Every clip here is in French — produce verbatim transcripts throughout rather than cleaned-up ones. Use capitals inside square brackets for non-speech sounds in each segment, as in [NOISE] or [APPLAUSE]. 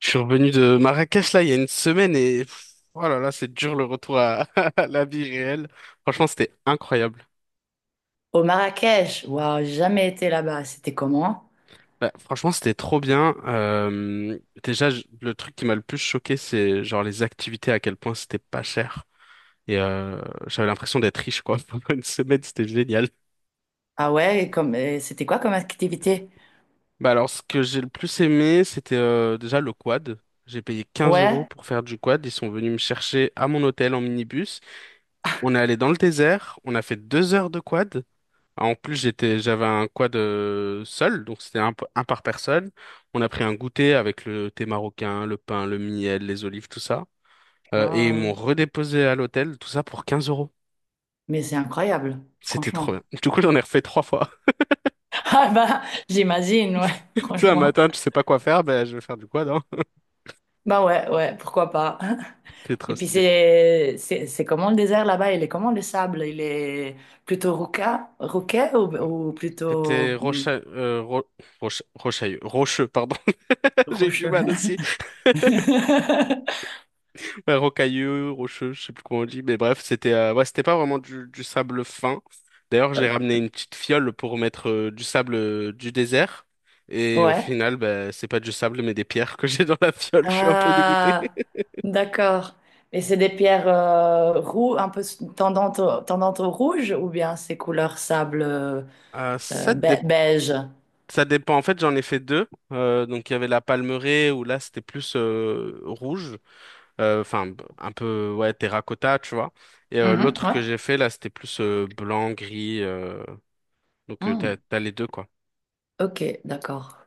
Je suis revenu de Marrakech là il y a une semaine et pff, oh là là, c'est dur le retour à, [LAUGHS] à la vie réelle. Franchement, c'était incroyable. Au Marrakech, waouh, j'ai jamais été là-bas. C'était comment? Bah, franchement, c'était trop bien. Euh, déjà, je- le truc qui m'a le plus choqué, c'est genre les activités, à quel point c'était pas cher. Et euh, j'avais l'impression d'être riche quoi. [LAUGHS] Pendant une semaine, c'était génial. Ah ouais, et comme, et c'était quoi comme activité? Bah alors, ce que j'ai le plus aimé, c'était euh, déjà le quad. J'ai payé quinze euros Ouais, pour faire du quad. Ils sont venus me chercher à mon hôtel en minibus. On est allé dans le désert. On a fait deux heures de quad. En plus, j'étais, j'avais un quad euh, seul, donc c'était un, p- un par personne. On a pris un goûter avec le thé marocain, le pain, le miel, les olives, tout ça. Euh, et ils m'ont waouh, redéposé à l'hôtel, tout ça pour quinze euros. mais c'est incroyable, C'était trop bien. franchement. Du coup, j'en ai refait trois fois. [LAUGHS] Ah bah, j'imagine, ouais, [LAUGHS] Tu [LAUGHS] sais, un franchement. matin, tu sais pas quoi faire, ben je vais faire du quad, hein. Bah ouais, ouais, pourquoi pas. [LAUGHS] C'était trop Et puis stylé. c'est, c'est, c'est comment le désert là-bas? Il est comment le sable? Il est plutôt roca, roquet ou, ou C'était plutôt hum, Rocha, euh, Ro- Rocha- Rochailleux, Rocheux, pardon. [LAUGHS] J'ai eu du rocheux? mal aussi. [LAUGHS] Ouais, rocailleux, rocheux, je sais plus comment on dit, mais bref, c'était euh, ouais, c'était pas vraiment du, du sable fin. D'ailleurs, j'ai ramené une petite fiole pour mettre euh, du sable euh, du désert. Et au Ouais. final, bah, c'est pas du sable, mais des pierres que [LAUGHS] j'ai dans la fiole. Je suis un peu dégoûté. Ah, d'accord. Et c'est des pierres euh, roux, un peu s- tendantes au, tendantes au rouge ou bien c'est couleur sable euh, Euh, euh, ça, dé- be- beige? ça dépend. En fait, j'en ai fait deux. Euh, donc, il y avait la palmeraie où là, c'était plus euh, rouge. Euh, Enfin, b- un peu, ouais, terracotta, tu vois. Et euh, Mhm. l'autre que Ouais. j'ai fait, là, c'était plus euh, blanc, gris. euh, Donc, euh, t'as, Mm. t'as les deux, quoi. Ok, d'accord.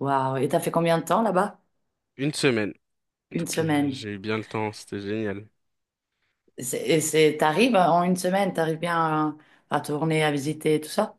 Waouh. Et t'as fait combien de temps là-bas? Une semaine. Une Donc, euh, semaine. j'ai eu bien le temps, c'était génial. C'est- Et c'est, t'arrives euh, en une semaine, t'arrives bien à, à tourner, à visiter, tout ça?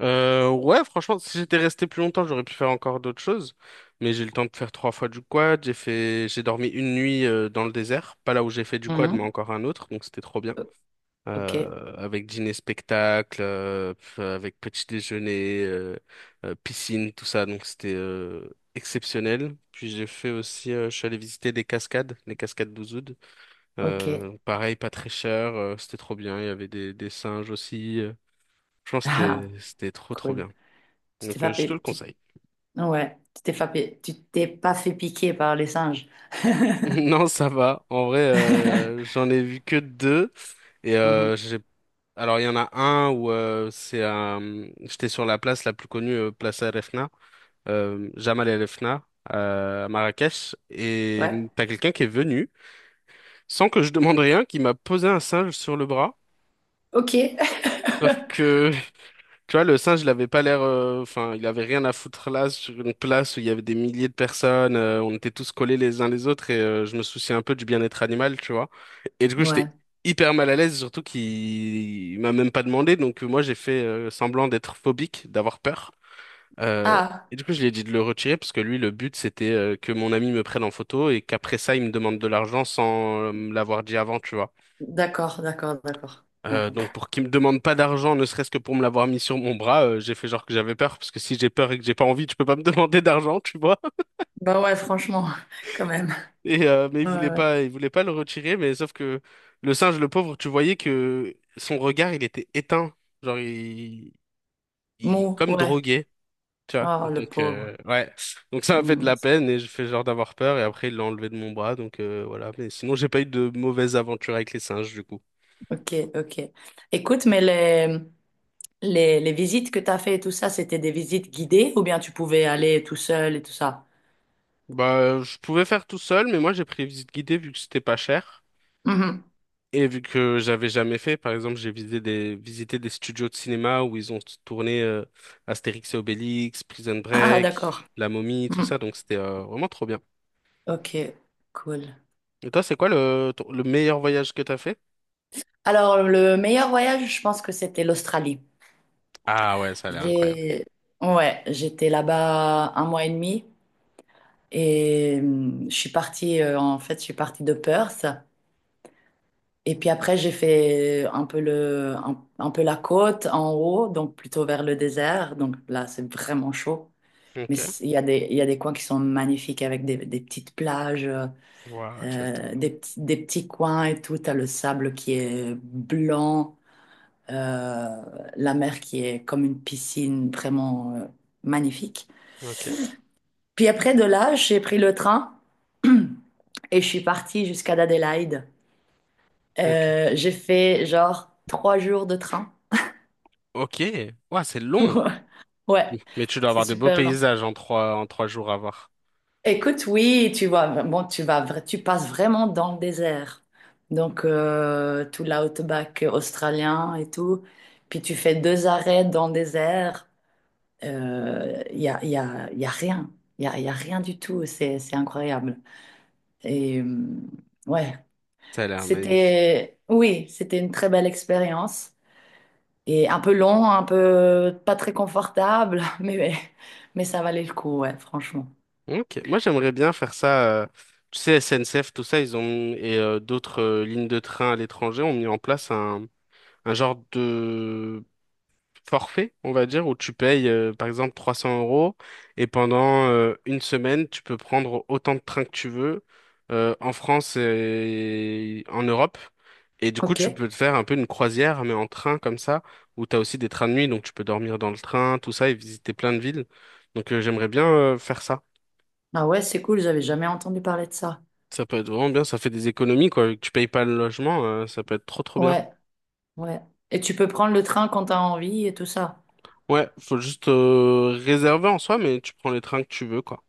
Euh, ouais, franchement, si j'étais resté plus longtemps, j'aurais pu faire encore d'autres choses. Mais j'ai eu le temps de faire trois fois du quad. J'ai fait, j'ai dormi une nuit euh, dans le désert, pas là où j'ai fait du quad, mais Mhm. encore un autre. Donc c'était trop bien. Ok, Euh, avec dîner spectacle, euh, pf, avec petit déjeuner, euh, euh, piscine, tout ça. Donc c'était euh, exceptionnel. Puis j'ai fait aussi, euh, je suis allé visiter des cascades, les cascades d'Ouzoud. ok. Euh, [LAUGHS] pareil, pas très cher, euh, c'était trop bien. Il y avait des, des singes aussi. euh, Je pense que Ah, c'était, c'était trop, trop cool. bien. Tu t'es Donc, euh, pas je te le fait, tu... conseille. [LAUGHS] Ouais, tu t'es pas fait, tu t'es pas fait piquer par les singes. Non, ça va. En vrai, euh, j'en ai vu que deux. Et Mhm. euh, j'ai... Alors, il y en a un où euh, c'est un... J'étais sur la place la plus connue, euh, Place El Refna, euh, Jamal El Refna, euh, à Marrakech. Et Ouais. mm, t'as quelqu'un qui est venu, sans que je demande rien, qui m'a posé un singe sur le bras. Ok. [LAUGHS] Sauf que, Tu vois, le singe, il avait pas l'air, euh, enfin, il avait rien à foutre là, sur une place où il y avait des milliers de personnes, euh, on était tous collés les uns les autres et euh, je me souciais un peu du bien-être animal, tu vois. Et du coup, j'étais Ouais. hyper mal à l'aise, surtout qu'il il m'a même pas demandé, donc euh, moi, j'ai fait euh, semblant d'être phobique, d'avoir peur. Euh, Ah, et du coup, je lui ai dit de le retirer parce que lui, le but, c'était euh, que mon ami me prenne en photo et qu'après ça, il me demande de l'argent sans euh, me l'avoir dit avant, tu vois. d'accord, d'accord, d'accord. Ouais. Euh, donc pour qu'il me demande pas d'argent, ne serait-ce que pour me l'avoir mis sur mon bras, euh, j'ai fait genre que j'avais peur, parce que si j'ai peur et que j'ai pas envie, tu peux pas me [LAUGHS] demander d'argent, tu vois. Bah ouais, franchement, [LAUGHS] quand même. Et euh, mais il Ouais, voulait ouais. pas, il voulait pas le retirer, mais sauf que le singe, le pauvre, tu voyais que son regard, il était éteint, genre il, il Mou, comme ouais. drogué, tu vois. Oh, le Donc pauvre. euh, ouais, donc ça m'a fait de Hmm. la peine et je fais genre d'avoir peur et après il l'a enlevé de mon bras, donc euh, voilà. Mais sinon j'ai pas eu de mauvaise aventure avec les singes du coup. Ok, ok. Écoute, mais les, les, les visites que tu as fait et tout ça, c'était des visites guidées ou bien tu pouvais aller tout seul et tout ça? Bah, euh, je pouvais faire tout seul, mais moi j'ai pris visite guidée vu que c'était pas cher. Mhm. Et vu que j'avais jamais fait, par exemple, j'ai visité des, visité des studios de cinéma où ils ont tourné euh, Astérix et Obélix, Prison Ah, Break, d'accord. La Momie, tout Hmm. ça, donc c'était euh, vraiment trop bien. Ok, cool. Et toi, c'est quoi le, ton- le meilleur voyage que t'as fait? Alors, le meilleur voyage, je pense que c'était l'Australie. Ah ouais, ça a l'air incroyable. J'ai... Ouais, j'étais là-bas un mois et demi. Et hum, je suis partie, euh, en fait, je suis partie de Perth. Et puis après, j'ai fait un peu le, un, un peu la côte en haut, donc plutôt vers le désert. Donc là, c'est vraiment chaud. Mais Ok. c- il y a des, il y a des coins qui sont magnifiques avec des, des petites plages, Wow, tu euh, m'étonnes. des, petits- des petits coins et tout. T'as le sable qui est blanc, euh, la mer qui est comme une piscine vraiment, euh, magnifique. Ok. Puis après, de là, j'ai pris le train. [CLEARS THROAT] Et je suis partie jusqu'à Adélaïde. Ok. Euh, j'ai fait genre trois jours de train. Ok. Ouah, c'est long. [LAUGHS] Ouais, Mais tu dois c'est avoir des beaux super long. paysages en trois, en trois jours à voir. Écoute, oui, tu vois, bon, tu vas, vra- tu passes vraiment dans le désert. Donc, euh, tout l'outback australien et tout. Puis tu fais deux arrêts dans le désert. Il y a, y a, y a rien. Il y a, y a rien du tout. C'est, c'est incroyable. Et euh, ouais, Ça a l'air magnifique. c'était, oui, c'était une très belle expérience. Et un peu long, un peu pas très confortable, [LAUGHS] mais, mais ça valait le coup, ouais, franchement. Ok, moi j'aimerais bien faire ça. euh, tu sais, S N C F, tout ça, ils ont mis- et euh, d'autres euh, lignes de train à l'étranger ont mis en place un, un genre de forfait, on va dire, où tu payes euh, par exemple trois cents euros et pendant euh, une semaine, tu peux prendre autant de trains que tu veux euh, en France et en Europe. Et du coup, Ok. tu peux te faire un peu une croisière, mais en train comme ça, où tu as aussi des trains de nuit, donc tu peux dormir dans le train, tout ça, et visiter plein de villes. Donc euh, j'aimerais bien euh, faire ça. Ah ouais, c'est cool, j'avais jamais entendu parler de ça. Ça peut être vraiment bien, ça fait des économies, quoi. vu Que tu payes pas le logement, euh, ça peut être trop trop bien. Ouais, ouais. Et tu peux prendre le train quand t'as envie et tout ça. Ouais, faut juste euh, réserver en soi, mais tu prends les trains que tu veux, quoi.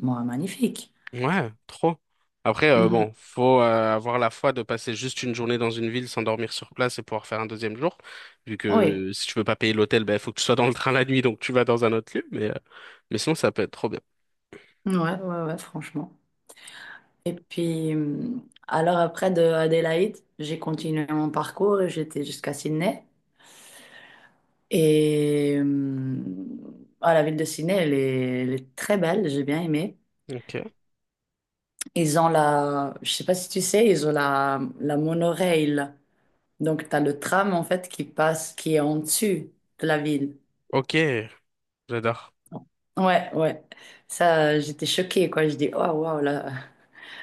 Moi, magnifique. Ouais, trop. Après, euh, Mhm. bon, faut euh, avoir la foi de passer juste une journée dans une ville sans dormir sur place et pouvoir faire un deuxième jour. Vu que Oui, euh, si tu veux pas payer l'hôtel, ben faut que tu sois dans le train la nuit, donc tu vas dans un autre lieu. Mais, euh, mais sinon, ça peut être trop bien. ouais, ouais, ouais, franchement. Et puis, hum, alors après de Adélaïde, j'ai continué mon parcours et j'étais jusqu'à Sydney. Et hum, ah, la ville de Sydney, elle est, elle est très belle, j'ai bien aimé. Ok. Ils ont la, je sais pas si tu sais, ils ont la, la monorail. Donc, tu as le tram, en fait, qui passe, qui est en dessus de la ville. Ok, j'adore. Ouais, ouais. Ça, j'étais choquée, quoi. Je dis, oh, waouh, la,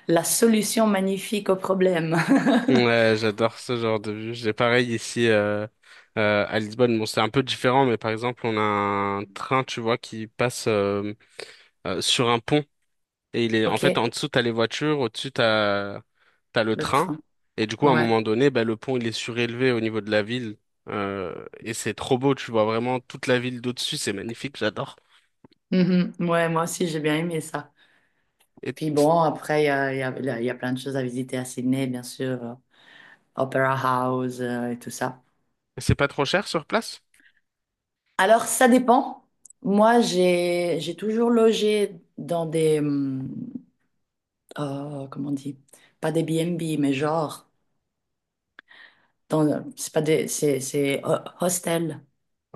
la solution magnifique au problème. [LAUGHS] Ouais, j'adore ce genre de vue. J'ai pareil ici euh, euh, à Lisbonne. Bon, c'est un peu différent, mais par exemple, on a un train, tu vois, qui passe euh, euh, sur un pont. Et il est en fait Ok, en dessous, t'as les voitures, au-dessus, t'as t'as le le train. train. Et du coup, à un Ouais. moment donné, bah, le pont, il est surélevé au niveau de la ville. Euh, et c'est trop beau, tu vois vraiment toute la ville d'au-dessus, c'est magnifique, j'adore. Mhm. Ouais, moi aussi, j'ai bien aimé ça. Et Puis bon, après, il y a, il y a- il y a plein de choses à visiter à Sydney, bien sûr. euh, Opera House, euh, et tout ça. c'est pas trop cher sur place? Alors, ça dépend. Moi, j'ai j'ai toujours logé dans des hum, euh, oh, comment on dit? Pas des B and B, mais genre dans c'est pas des c'est c'est ho- hostel.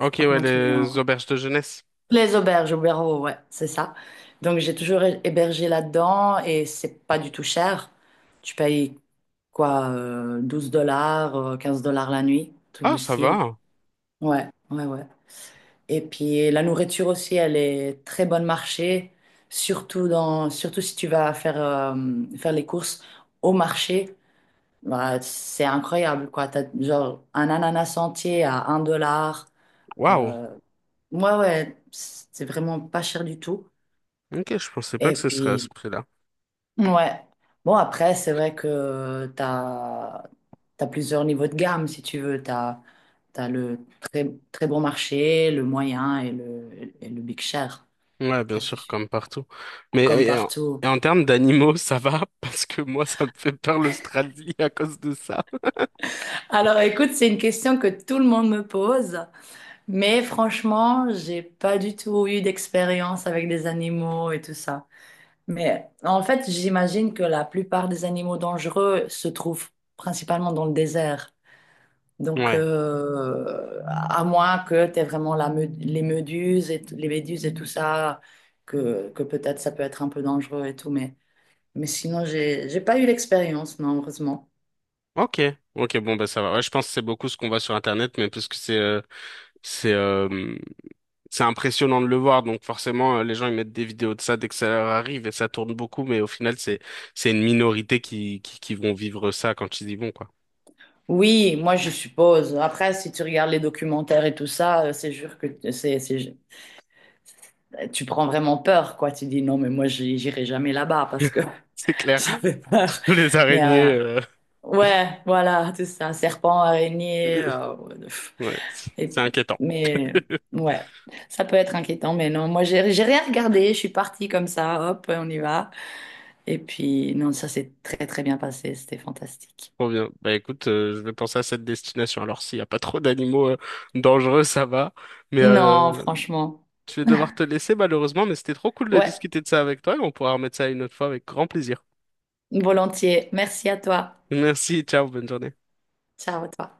Je sais pas ouais, comment tu dis. les en- auberges de jeunesse. Les auberges, auberges, ouais, c'est ça. Donc j'ai toujours hé- hébergé là-dedans et c'est pas du tout cher. Tu payes quoi euh, douze dollars, euh, quinze dollars la nuit, truc Ah, du ça style. va. Ouais, ouais, ouais. Et puis la nourriture aussi, elle est très bonne marché, surtout dans, surtout si tu vas faire, euh, faire les courses au marché. Bah, c'est incroyable, quoi. T'as genre un ananas entier à un dollar. Waouh. Euh, ouais, ouais, c'est vraiment pas cher du tout. Ok, je pensais pas Et que ce serait à ce puis, prix-là. ouais. Bon, après, c'est vrai que t'as, t'as plusieurs niveaux de gamme, si tu veux. T'as, t'as le très, très bon marché, le moyen et le, et le big cher. Ouais, bien Ça, c'est sûr, sûr. comme partout. Mais euh, Comme et en, partout. et en termes d'animaux, ça va [LAUGHS] parce que moi, ça me fait peur l'Australie à cause de ça. Alors écoute, c'est une question que tout le monde me pose, mais franchement, j'ai pas du tout eu d'expérience avec des animaux et tout ça. Mais en fait, j'imagine que la plupart des animaux dangereux se trouvent principalement dans le désert. Donc, Ouais. euh, à moins que tu aies vraiment la me- les méduses et, t- les méduses et tout ça, que, que peut-être ça peut être un peu dangereux et tout, mais, mais sinon, j'ai, j'ai pas eu l'expérience, non, heureusement. Ok. Ok, bon, bah ça va. Ouais, je pense que c'est beaucoup ce qu'on voit sur Internet, mais parce que c'est euh, c'est euh, c'est impressionnant de le voir, donc forcément, euh, les gens ils mettent des vidéos de ça dès que ça leur arrive et ça tourne beaucoup, mais au final, c'est c'est une minorité qui, qui qui vont vivre ça quand ils y vont, quoi. Oui, moi je suppose. Après, si tu regardes les documentaires et tout ça, euh, c'est sûr que t- c'est, c'est- tu prends vraiment peur, quoi. Tu dis non, mais moi j'y- j'irai jamais là-bas parce que C'est [LAUGHS] clair. ça fait peur. [LAUGHS] Les Mais araignées, euh, euh, ouais, voilà, c'est ça, serpent, araignée. [LAUGHS] euh, pff, ouais, c'est et- c'est inquiétant. mais ouais, ça peut être inquiétant, mais non, moi j'ai j'ai rien regardé. Je suis partie comme ça, hop, on y va. Et puis non, ça s'est très très bien passé, c'était fantastique. Trop bien. Bah écoute, euh, je vais penser à cette destination. Alors s'il n'y a pas trop d'animaux euh, dangereux, ça va. Mais Non, euh, franchement, je vais devoir te [LAUGHS] laisser malheureusement, mais c'était trop cool de ouais. discuter de ça avec toi et on pourra remettre ça une autre fois avec grand plaisir. Volontiers. Merci à toi. Merci, ciao, bonne journée. Ciao à toi.